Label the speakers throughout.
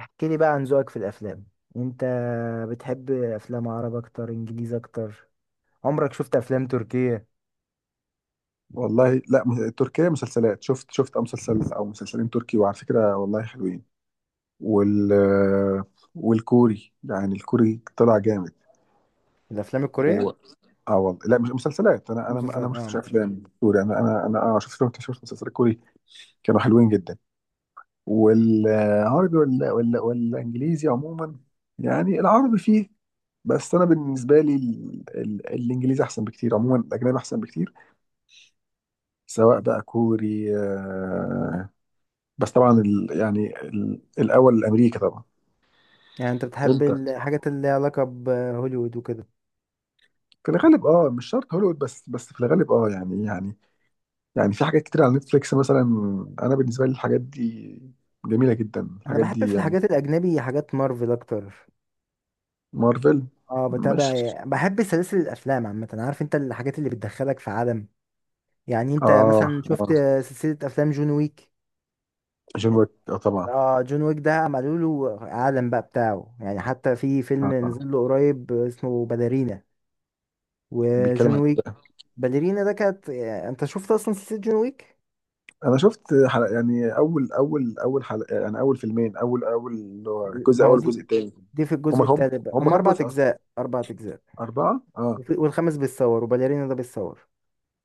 Speaker 1: احكي لي بقى عن ذوقك في الافلام، انت بتحب افلام عرب اكتر انجليزي اكتر؟ عمرك شفت افلام تركية؟
Speaker 2: والله لا، تركيا مسلسلات، شفت مسلسل او مسلسلين تركي، وعلى فكره والله حلوين. وال والكوري، يعني الكوري طلع جامد.
Speaker 1: الافلام الكورية؟
Speaker 2: و... اه والله لا مش مسلسلات، انا
Speaker 1: مسلسلات،
Speaker 2: ما شفتش
Speaker 1: اه.
Speaker 2: افلام كوري، انا اه شفت مسلسلات كوري. كانوا حلوين جدا. والعربي ولا والانجليزي عموما، يعني العربي فيه، بس انا بالنسبه لي الانجليزي احسن بكتير، عموما الاجنبي احسن بكتير، سواء بقى كوري، بس طبعا يعني الاول الامريكي طبعا.
Speaker 1: يعني انت بتحب
Speaker 2: انت
Speaker 1: الحاجات اللي ليها علاقة بهوليوود وكده؟
Speaker 2: في الغالب اه، مش شرط هوليوود، بس في الغالب اه يعني يعني في حاجات كتير على نتفليكس مثلا. انا بالنسبه لي الحاجات دي جميله جدا
Speaker 1: انا
Speaker 2: الحاجات
Speaker 1: بحب
Speaker 2: دي
Speaker 1: في
Speaker 2: يعني.
Speaker 1: الحاجات الاجنبي حاجات مارفل اكتر.
Speaker 2: مارفل.
Speaker 1: اه
Speaker 2: مش
Speaker 1: بتابع يعني، بحب سلاسل الافلام عامة، عارف انت الحاجات اللي بتدخلك في عالم. يعني انت
Speaker 2: اه.
Speaker 1: مثلا شفت
Speaker 2: اه
Speaker 1: سلسلة افلام جون ويك؟
Speaker 2: جون ويك اه طبعا.
Speaker 1: اه جون ويك ده عملوا له عالم بقى بتاعه، يعني حتى في
Speaker 2: اه
Speaker 1: فيلم
Speaker 2: طبعا.
Speaker 1: نزل له قريب اسمه باليرينا.
Speaker 2: بيتكلم
Speaker 1: وجون
Speaker 2: عن
Speaker 1: ويك،
Speaker 2: ده.
Speaker 1: باليرينا ده كانت، يعني انت شفت اصلا سلسلة جون ويك؟
Speaker 2: انا شفت حلقة، يعني اول حلقه، يعني اول فيلمين، اول اللي هو الجزء
Speaker 1: ما
Speaker 2: الاول
Speaker 1: هو دي،
Speaker 2: والجزء الثاني.
Speaker 1: في
Speaker 2: هم
Speaker 1: الجزء
Speaker 2: هم
Speaker 1: التالت بقى.
Speaker 2: هم
Speaker 1: هم
Speaker 2: كام
Speaker 1: اربع
Speaker 2: جزء اصلا؟
Speaker 1: اجزاء، اربع اجزاء.
Speaker 2: اربعه اه.
Speaker 1: والخامس بيتصور، وباليرينا ده بيتصور.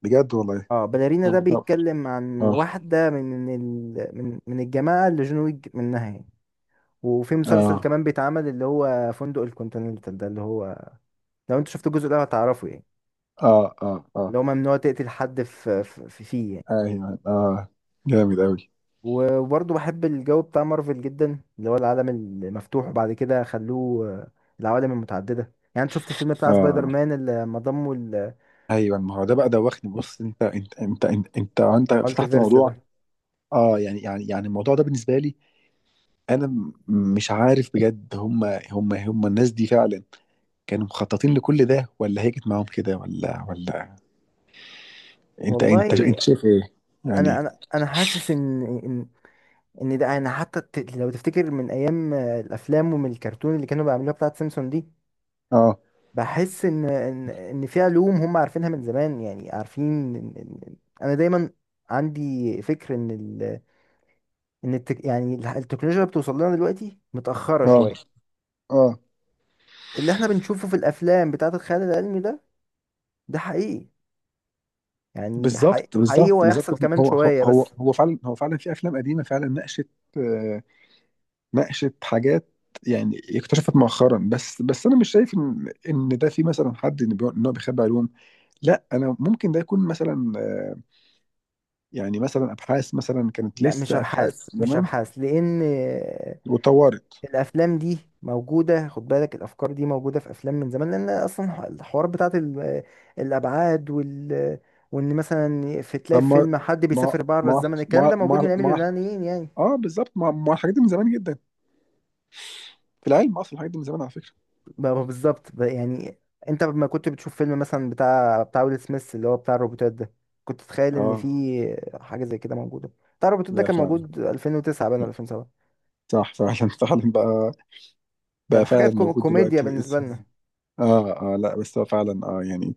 Speaker 2: بجد والله؟
Speaker 1: اه باليرينا ده
Speaker 2: هم كام؟
Speaker 1: بيتكلم عن
Speaker 2: اه
Speaker 1: واحدة من من الجماعة اللي جون ويك منها يعني. وفي مسلسل
Speaker 2: اه
Speaker 1: كمان بيتعمل اللي هو فندق الكونتيننتال ده، اللي هو لو انت شفت الجزء ده هتعرفه يعني.
Speaker 2: اه. اه اه.
Speaker 1: اللي هو ممنوع تقتل حد في فيه يعني.
Speaker 2: ايوه اه. جامد اوي.
Speaker 1: وبرضه بحب الجو بتاع مارفل جدا، اللي هو العالم المفتوح، وبعد كده خلوه العوالم المتعددة. يعني انت شفت الفيلم بتاع سبايدر
Speaker 2: اه
Speaker 1: مان اللي ما ضموا
Speaker 2: ايوه. ما هو ده بقى دوخني. بص، انت فتحت
Speaker 1: المالتيفيرس
Speaker 2: موضوع.
Speaker 1: ده؟
Speaker 2: اه يعني يعني الموضوع ده بالنسبه لي انا، مش عارف بجد. هم الناس دي فعلا كانوا مخططين لكل ده، ولا هي كانت معاهم كده، ولا؟ انت انت
Speaker 1: والله
Speaker 2: انت شايف ايه
Speaker 1: انا
Speaker 2: يعني؟
Speaker 1: انا انا حاسس ان ده انا حتى لو تفتكر من ايام الافلام، ومن الكرتون اللي كانوا بيعملوها بتاعت سيمسون دي،
Speaker 2: اه
Speaker 1: بحس ان في علوم هم عارفينها من زمان، يعني عارفين. إن- إن- انا دايما عندي فكر ان يعني التكنولوجيا اللي بتوصل لنا دلوقتي متأخرة
Speaker 2: اه
Speaker 1: شوية.
Speaker 2: اه.
Speaker 1: اللي احنا بنشوفه في الافلام بتاعت الخيال العلمي ده، ده حقيقي. يعني حقيقي،
Speaker 2: بالظبط
Speaker 1: حقيقي،
Speaker 2: بالظبط بالظبط.
Speaker 1: وهيحصل كمان
Speaker 2: هو هو
Speaker 1: شوية
Speaker 2: هو
Speaker 1: بس.
Speaker 2: هو فعلا، هو فعلا في افلام قديمه فعلا ناقشت، آه، ناقشت حاجات، يعني اكتشفت مؤخرا. بس انا مش شايف ان ان ده في مثلا حد ان إن هو بيخبي علوم. لا، انا ممكن ده يكون مثلا، يعني مثلا ابحاث، مثلا كانت
Speaker 1: لا مش
Speaker 2: لسه
Speaker 1: ابحاث،
Speaker 2: ابحاث
Speaker 1: مش
Speaker 2: زمان
Speaker 1: ابحاث، لان
Speaker 2: واتطورت.
Speaker 1: الافلام دي موجودة. خد بالك الافكار دي موجودة في افلام من زمان، لان اصلا الحوار بتاعت الابعاد وال، وان مثلا في، تلاقي
Speaker 2: طب
Speaker 1: في فيلم حد
Speaker 2: ما
Speaker 1: بيسافر بره
Speaker 2: ما
Speaker 1: الزمن. الكلام
Speaker 2: ما
Speaker 1: ده موجود من
Speaker 2: ما
Speaker 1: ايام
Speaker 2: ما-
Speaker 1: اليونانيين يعني.
Speaker 2: اه بالظبط. ما الحاجات دي من زمان جدا، في العلم اصلا الحاجات دي من زمان على فكره.
Speaker 1: ما ما بالظبط يعني انت لما كنت بتشوف فيلم مثلا بتاع ويل سميث اللي هو بتاع الروبوتات ده، كنت تتخيل ان في
Speaker 2: اه.
Speaker 1: حاجه زي كده موجوده؟ بتاع الروبوتات ده
Speaker 2: لا
Speaker 1: كان
Speaker 2: فعلا.
Speaker 1: موجود 2009 بقى
Speaker 2: لا.
Speaker 1: ولا 2007.
Speaker 2: صح فعلا فعلا بقى.
Speaker 1: كان
Speaker 2: بقى فعلا
Speaker 1: حاجه
Speaker 2: موجود
Speaker 1: كوميديا
Speaker 2: دلوقتي.
Speaker 1: بالنسبه لنا.
Speaker 2: اه اه. لا بس هو فعلا اه يعني،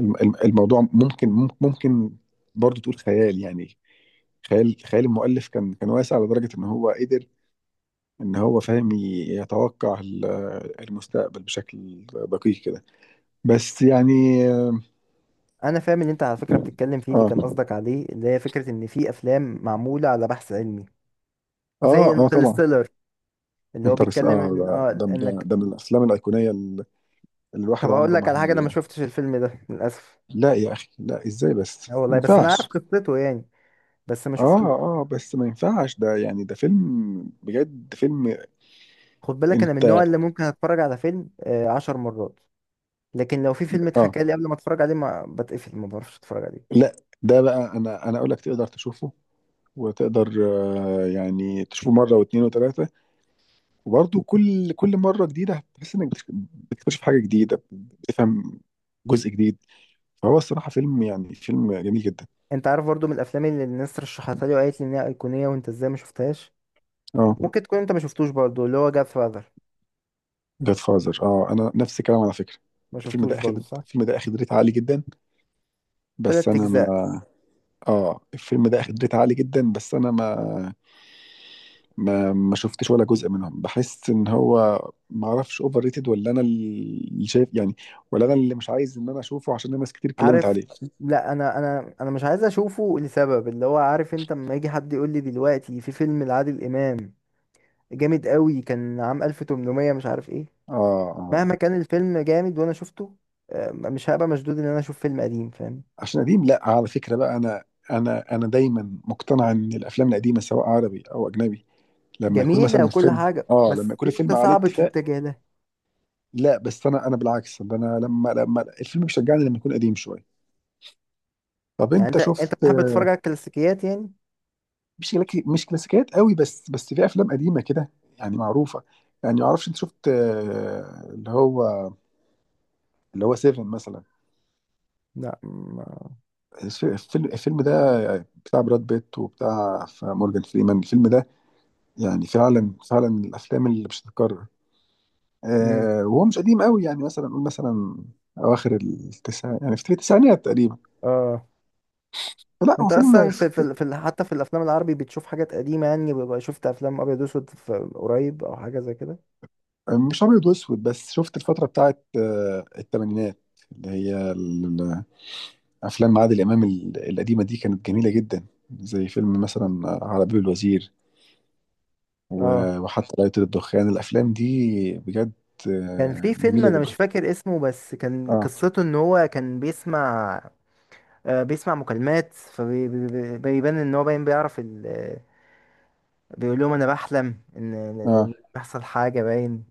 Speaker 2: الموضوع ممكن برضو تقول خيال، يعني خيال، خيال المؤلف كان واسع لدرجة ان هو قدر، ان هو فاهم يتوقع المستقبل بشكل دقيق كده، بس يعني.
Speaker 1: انا فاهم اللي انت على فكره بتتكلم فيه، اللي
Speaker 2: اه
Speaker 1: كان قصدك عليه، اللي هي فكره ان في افلام معموله على بحث علمي زي
Speaker 2: اه اه طبعا.
Speaker 1: انترستيلر، اللي هو
Speaker 2: انترس
Speaker 1: بيتكلم
Speaker 2: اه
Speaker 1: ان
Speaker 2: ده
Speaker 1: اه
Speaker 2: ده ده
Speaker 1: انك.
Speaker 2: ده من الافلام الايقونية اللي الواحد
Speaker 1: طب هقول
Speaker 2: عمره
Speaker 1: لك
Speaker 2: ما
Speaker 1: على حاجه، انا ما
Speaker 2: هي.
Speaker 1: شفتش الفيلم ده للاسف.
Speaker 2: لا يا اخي لا، ازاي بس؟
Speaker 1: اه
Speaker 2: ما
Speaker 1: والله، بس انا عارف
Speaker 2: ينفعش.
Speaker 1: قصته يعني، بس ما
Speaker 2: اه
Speaker 1: شفتوش.
Speaker 2: اه. بس ما ينفعش ده، يعني ده فيلم، بجد فيلم.
Speaker 1: خد بالك انا من
Speaker 2: انت
Speaker 1: النوع اللي ممكن اتفرج على فيلم عشر مرات، لكن لو في فيلم
Speaker 2: اه.
Speaker 1: اتحكى لي قبل ما اتفرج عليه ما بتقفل ما بعرفش اتفرج عليه.
Speaker 2: لا ده بقى انا اقول لك تقدر تشوفه، وتقدر يعني تشوفه مره واثنين وثلاثه، وبرضه كل مره جديده هتحس انك بتكتشف، بتكتشف حاجه جديده، بتفهم جزء جديد. فهو الصراحه فيلم، يعني فيلم جميل جدا.
Speaker 1: انت عارف برضو من الافلام اللي الناس رشحتها لي وقالت لي انها ايقونيه وانت ازاي ما شفتهاش؟
Speaker 2: اه.
Speaker 1: ممكن تكون انت ما شفتوش برضو، اللي هو جاد فاذر.
Speaker 2: جاد فازر اه، انا نفس الكلام على فكره.
Speaker 1: ما
Speaker 2: الفيلم
Speaker 1: شفتوش
Speaker 2: ده
Speaker 1: برضو
Speaker 2: اخد،
Speaker 1: صح؟
Speaker 2: الفيلم ده اخد ريت عالي جدا، بس
Speaker 1: تلات
Speaker 2: انا ما،
Speaker 1: اجزاء.
Speaker 2: اه الفيلم ده اخد ريت عالي جدا، بس انا ما شفتش ولا جزء منهم. بحس ان هو، ما اعرفش، اوفر ريتد، ولا انا اللي شايف يعني، ولا انا اللي مش عايز ان انا اشوفه عشان ناس كتير اتكلمت
Speaker 1: عارف،
Speaker 2: عليه.
Speaker 1: لا انا مش عايز اشوفه لسبب، اللي هو، عارف انت لما يجي حد يقول لي دلوقتي في فيلم لعادل امام جامد قوي كان عام 1800 مش عارف ايه،
Speaker 2: اه اه.
Speaker 1: مهما كان الفيلم جامد وانا شفته مش هبقى مشدود ان انا اشوف فيلم قديم، فاهم؟
Speaker 2: عشان قديم؟ لا على فكره بقى، انا انا دايما مقتنع ان الافلام القديمه سواء عربي او اجنبي لما يكون
Speaker 1: جميل
Speaker 2: مثلا
Speaker 1: وكل
Speaker 2: الفيلم،
Speaker 1: حاجه،
Speaker 2: اه، لما
Speaker 1: بس
Speaker 2: يكون
Speaker 1: انت
Speaker 2: الفيلم عليه
Speaker 1: صعب
Speaker 2: اتفاق.
Speaker 1: تتجه له.
Speaker 2: لا بس انا، انا بالعكس، ده انا لما، لما الفيلم بيشجعني لما يكون قديم شويه. طب
Speaker 1: يعني
Speaker 2: انت
Speaker 1: انت
Speaker 2: شفت،
Speaker 1: بتحب تتفرج على الكلاسيكيات يعني؟
Speaker 2: مش كلاسيكيات قوي، بس في افلام قديمه كده يعني معروفه. يعني ما اعرفش، انت شفت اللي هو، اللي هو سيفن مثلا؟
Speaker 1: لا
Speaker 2: الفيلم، الفيلم ده بتاع براد بيت وبتاع مورجان فريمان، الفيلم ده يعني فعلا، فعلا من الافلام اللي مش هتتكرر.
Speaker 1: مم.
Speaker 2: وهو مش قديم قوي، يعني مثلا نقول مثلا اواخر التسع، يعني في التسعينات تقريبا.
Speaker 1: اه
Speaker 2: لا هو
Speaker 1: انت
Speaker 2: فيلم.
Speaker 1: اصلا في حتى في الافلام العربي بتشوف حاجات قديمه يعني، بيبقى شفت افلام ابيض واسود في قريب او حاجه زي كده؟
Speaker 2: مش ابيض واسود، بس شفت الفتره بتاعت الثمانينات اللي هي افلام عادل امام القديمه دي، كانت جميله جدا، زي فيلم مثلا على باب الوزير،
Speaker 1: اه.
Speaker 2: وحتى لا يطير الدخان. الافلام دي بجد،
Speaker 1: كان في فيلم
Speaker 2: جميله
Speaker 1: انا مش
Speaker 2: جدا.
Speaker 1: فاكر اسمه بس كان
Speaker 2: اه
Speaker 1: قصته ان هو كان بيسمع بيسمع مكالمات، فبيبان ان هو باين بيعرف. بيقول لهم انا بحلم ان إن-
Speaker 2: اه.
Speaker 1: إن بيحصل حاجه باين.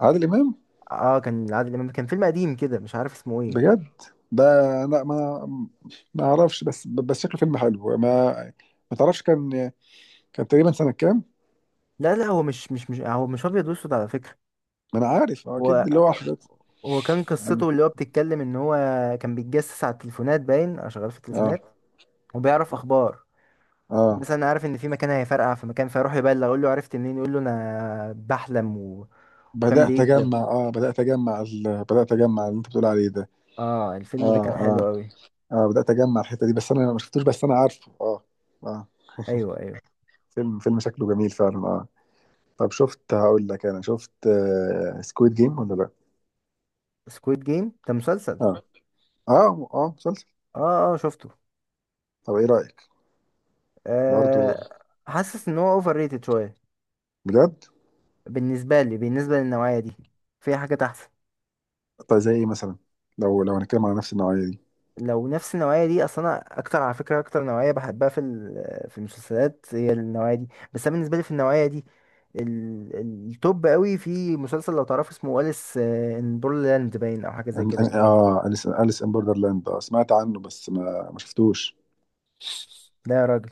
Speaker 2: عادل امام.
Speaker 1: اه كان عادل امام، كان فيلم قديم كده، مش عارف اسمه ايه.
Speaker 2: بجد. ده لا ما، ما اعرفش، بس شكله فيلم حلو. ما، ما تعرفش كان، كان تقريبا سنه كام؟
Speaker 1: لا لا، هو مش هو مش ابيض واسود على فكره.
Speaker 2: ما انا عارف، اكيد
Speaker 1: هو
Speaker 2: اللي هو حاجات
Speaker 1: هو كان
Speaker 2: يعني.
Speaker 1: قصته اللي هو بتتكلم ان هو كان بيتجسس على التليفونات باين، او شغال في
Speaker 2: اه
Speaker 1: التليفونات. وبيعرف اخبار،
Speaker 2: اه.
Speaker 1: مثلا عارف ان في مكان هيفرقع في مكان، فيروح يبلغ يقول له عرفت منين، يقول له انا بحلم وكان بيكذب.
Speaker 2: بدات اجمع بدات اجمع اللي انت بتقول عليه ده.
Speaker 1: اه
Speaker 2: اه
Speaker 1: الفيلم ده كان حلو
Speaker 2: اه
Speaker 1: قوي.
Speaker 2: اه. بدأت اجمع الحتة دي، بس انا ما شفتوش، بس انا عارفه اه. اه.
Speaker 1: ايوه ايوه.
Speaker 2: فيلم، فيلم شكله جميل فعلا اه. طب شفت، هقول لك، انا شفت آه سكويد جيم ولا لا؟
Speaker 1: سكويد جيم ده مسلسل.
Speaker 2: اه اه. اه مسلسل.
Speaker 1: اه اه شفته.
Speaker 2: طب ايه رأيك؟ برضو؟
Speaker 1: أه. حاسس ان هو اوفر ريتد شويه،
Speaker 2: بجد؟
Speaker 1: بالنسبه لي بالنسبه للنوعيه دي في حاجات احسن.
Speaker 2: طب زي ايه مثلا؟ لو هنتكلم على نفس النوعية دي.
Speaker 1: لو نفس النوعيه دي، اصلا انا اكتر على فكره اكتر نوعيه بحبها في في المسلسلات هي النوعيه دي. بس انا بالنسبه لي في النوعيه دي، التوب قوي في مسلسل لو تعرف اسمه أليس ان بورلاند، باين او حاجه زي كده يعني.
Speaker 2: أليس، أليس ان بوردرلاند اه سمعت عنه بس ما ما شفتوش.
Speaker 1: لا يا راجل!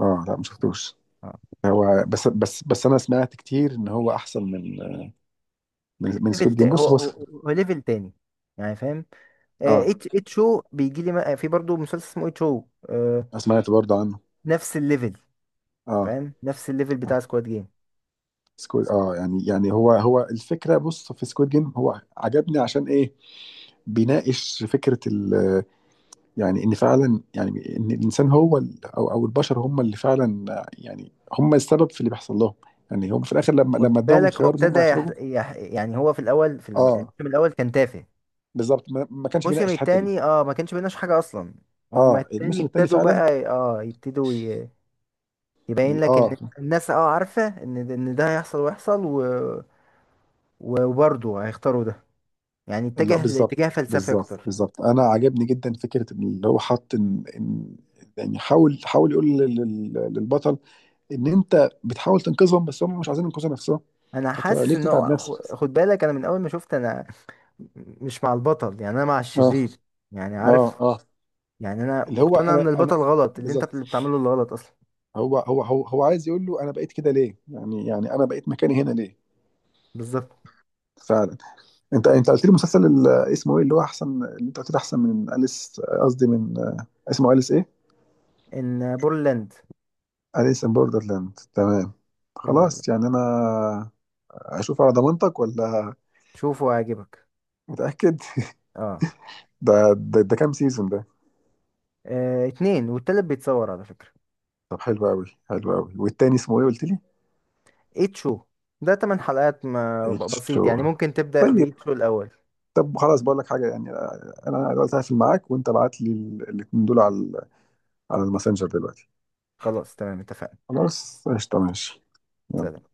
Speaker 2: اه لا ما شفتوش.
Speaker 1: اه
Speaker 2: هو بس انا سمعت كتير ان هو احسن من، من
Speaker 1: ليفل
Speaker 2: سكويد جيم.
Speaker 1: تا- هو
Speaker 2: بص هو
Speaker 1: هو هو ليفل تاني، يعني فاهم؟
Speaker 2: اه،
Speaker 1: اتش او بيجي لي في برضه مسلسل اسمه اتش او،
Speaker 2: سمعت برضو عنه.
Speaker 1: نفس الليفل.
Speaker 2: اه.
Speaker 1: فاهم نفس الليفل
Speaker 2: آه.
Speaker 1: بتاع سكواد جيم؟
Speaker 2: سكويد اه، يعني يعني هو الفكره. بص، في سكويد جيم هو عجبني عشان ايه؟ بيناقش فكره ال، يعني ان فعلا، يعني ان الانسان هو او البشر هم اللي فعلا، يعني هم السبب في اللي بيحصل لهم، يعني هم في الاخر لما،
Speaker 1: خد
Speaker 2: لما اداهم
Speaker 1: بالك هو
Speaker 2: الخيار ان
Speaker 1: ابتدى
Speaker 2: هم يخرجوا.
Speaker 1: يعني هو في الاول في
Speaker 2: اه
Speaker 1: الموسم الاول كان تافه.
Speaker 2: بالظبط، ما كانش
Speaker 1: الموسم
Speaker 2: بيناقش الحته دي.
Speaker 1: التاني اه ما كانش بيناش حاجه اصلا. هما
Speaker 2: اه
Speaker 1: التاني
Speaker 2: الموسم الثاني
Speaker 1: ابتدوا
Speaker 2: فعلا.
Speaker 1: بقى، اه يبتدوا يبين لك
Speaker 2: اه
Speaker 1: ان الناس اه عارفه ان ده هيحصل ويحصل وبرضه هيختاروا ده. يعني
Speaker 2: اللي هو
Speaker 1: اتجه
Speaker 2: بالظبط،
Speaker 1: لاتجاه فلسفي
Speaker 2: بالظبط
Speaker 1: اكتر.
Speaker 2: بالظبط، انا عجبني جدا فكره اللي هو حط إن، يعني حاول يقول للبطل ان انت بتحاول تنقذهم بس هم مش عايزين ينقذوا نفسهم،
Speaker 1: انا
Speaker 2: فانت
Speaker 1: حاسس
Speaker 2: ليه
Speaker 1: ان
Speaker 2: بتتعب نفسك؟
Speaker 1: خد بالك انا من اول ما شفت، انا مش مع البطل يعني، انا مع
Speaker 2: اه
Speaker 1: الشرير يعني
Speaker 2: اه
Speaker 1: عارف.
Speaker 2: اه.
Speaker 1: يعني انا
Speaker 2: اللي هو
Speaker 1: مقتنع
Speaker 2: انا،
Speaker 1: ان
Speaker 2: انا
Speaker 1: البطل غلط، اللي انت
Speaker 2: بالظبط.
Speaker 1: بتعمله اللي غلط اصلا.
Speaker 2: هو عايز يقول له انا بقيت كده ليه؟ يعني يعني انا بقيت مكاني هنا ليه؟
Speaker 1: بالظبط.
Speaker 2: فعلا. انت قلت لي مسلسل اسمه ايه؟ اللي هو احسن، اللي انت قلت لي احسن من اليس، قصدي من، اسمه اليس ايه؟
Speaker 1: ان بورلاند.
Speaker 2: اليس ان بوردرلاند، تمام.
Speaker 1: بورلاند.
Speaker 2: خلاص يعني انا اشوف على ضمانتك ولا؟
Speaker 1: شوفه هيعجبك.
Speaker 2: متاكد؟
Speaker 1: اه.
Speaker 2: ده، ده كام سيزون؟ ده
Speaker 1: اتنين، والتالت بيتصور على فكرة.
Speaker 2: طب حلو قوي، حلو قوي. والتاني اسمه ايه قلت لي؟
Speaker 1: ايت شو. ده تمن حلقات، ما ب-
Speaker 2: اتش
Speaker 1: بسيط يعني،
Speaker 2: هو.
Speaker 1: ممكن تبدأ
Speaker 2: طيب.
Speaker 1: بإيت شو الأول.
Speaker 2: طب خلاص بقول لك حاجه يعني، انا دلوقتي هقفل معاك وانت ابعت لي الاتنين دول على على الماسنجر دلوقتي.
Speaker 1: خلاص تمام اتفقنا.
Speaker 2: خلاص قشطه، ماشي. يلا.
Speaker 1: سلام.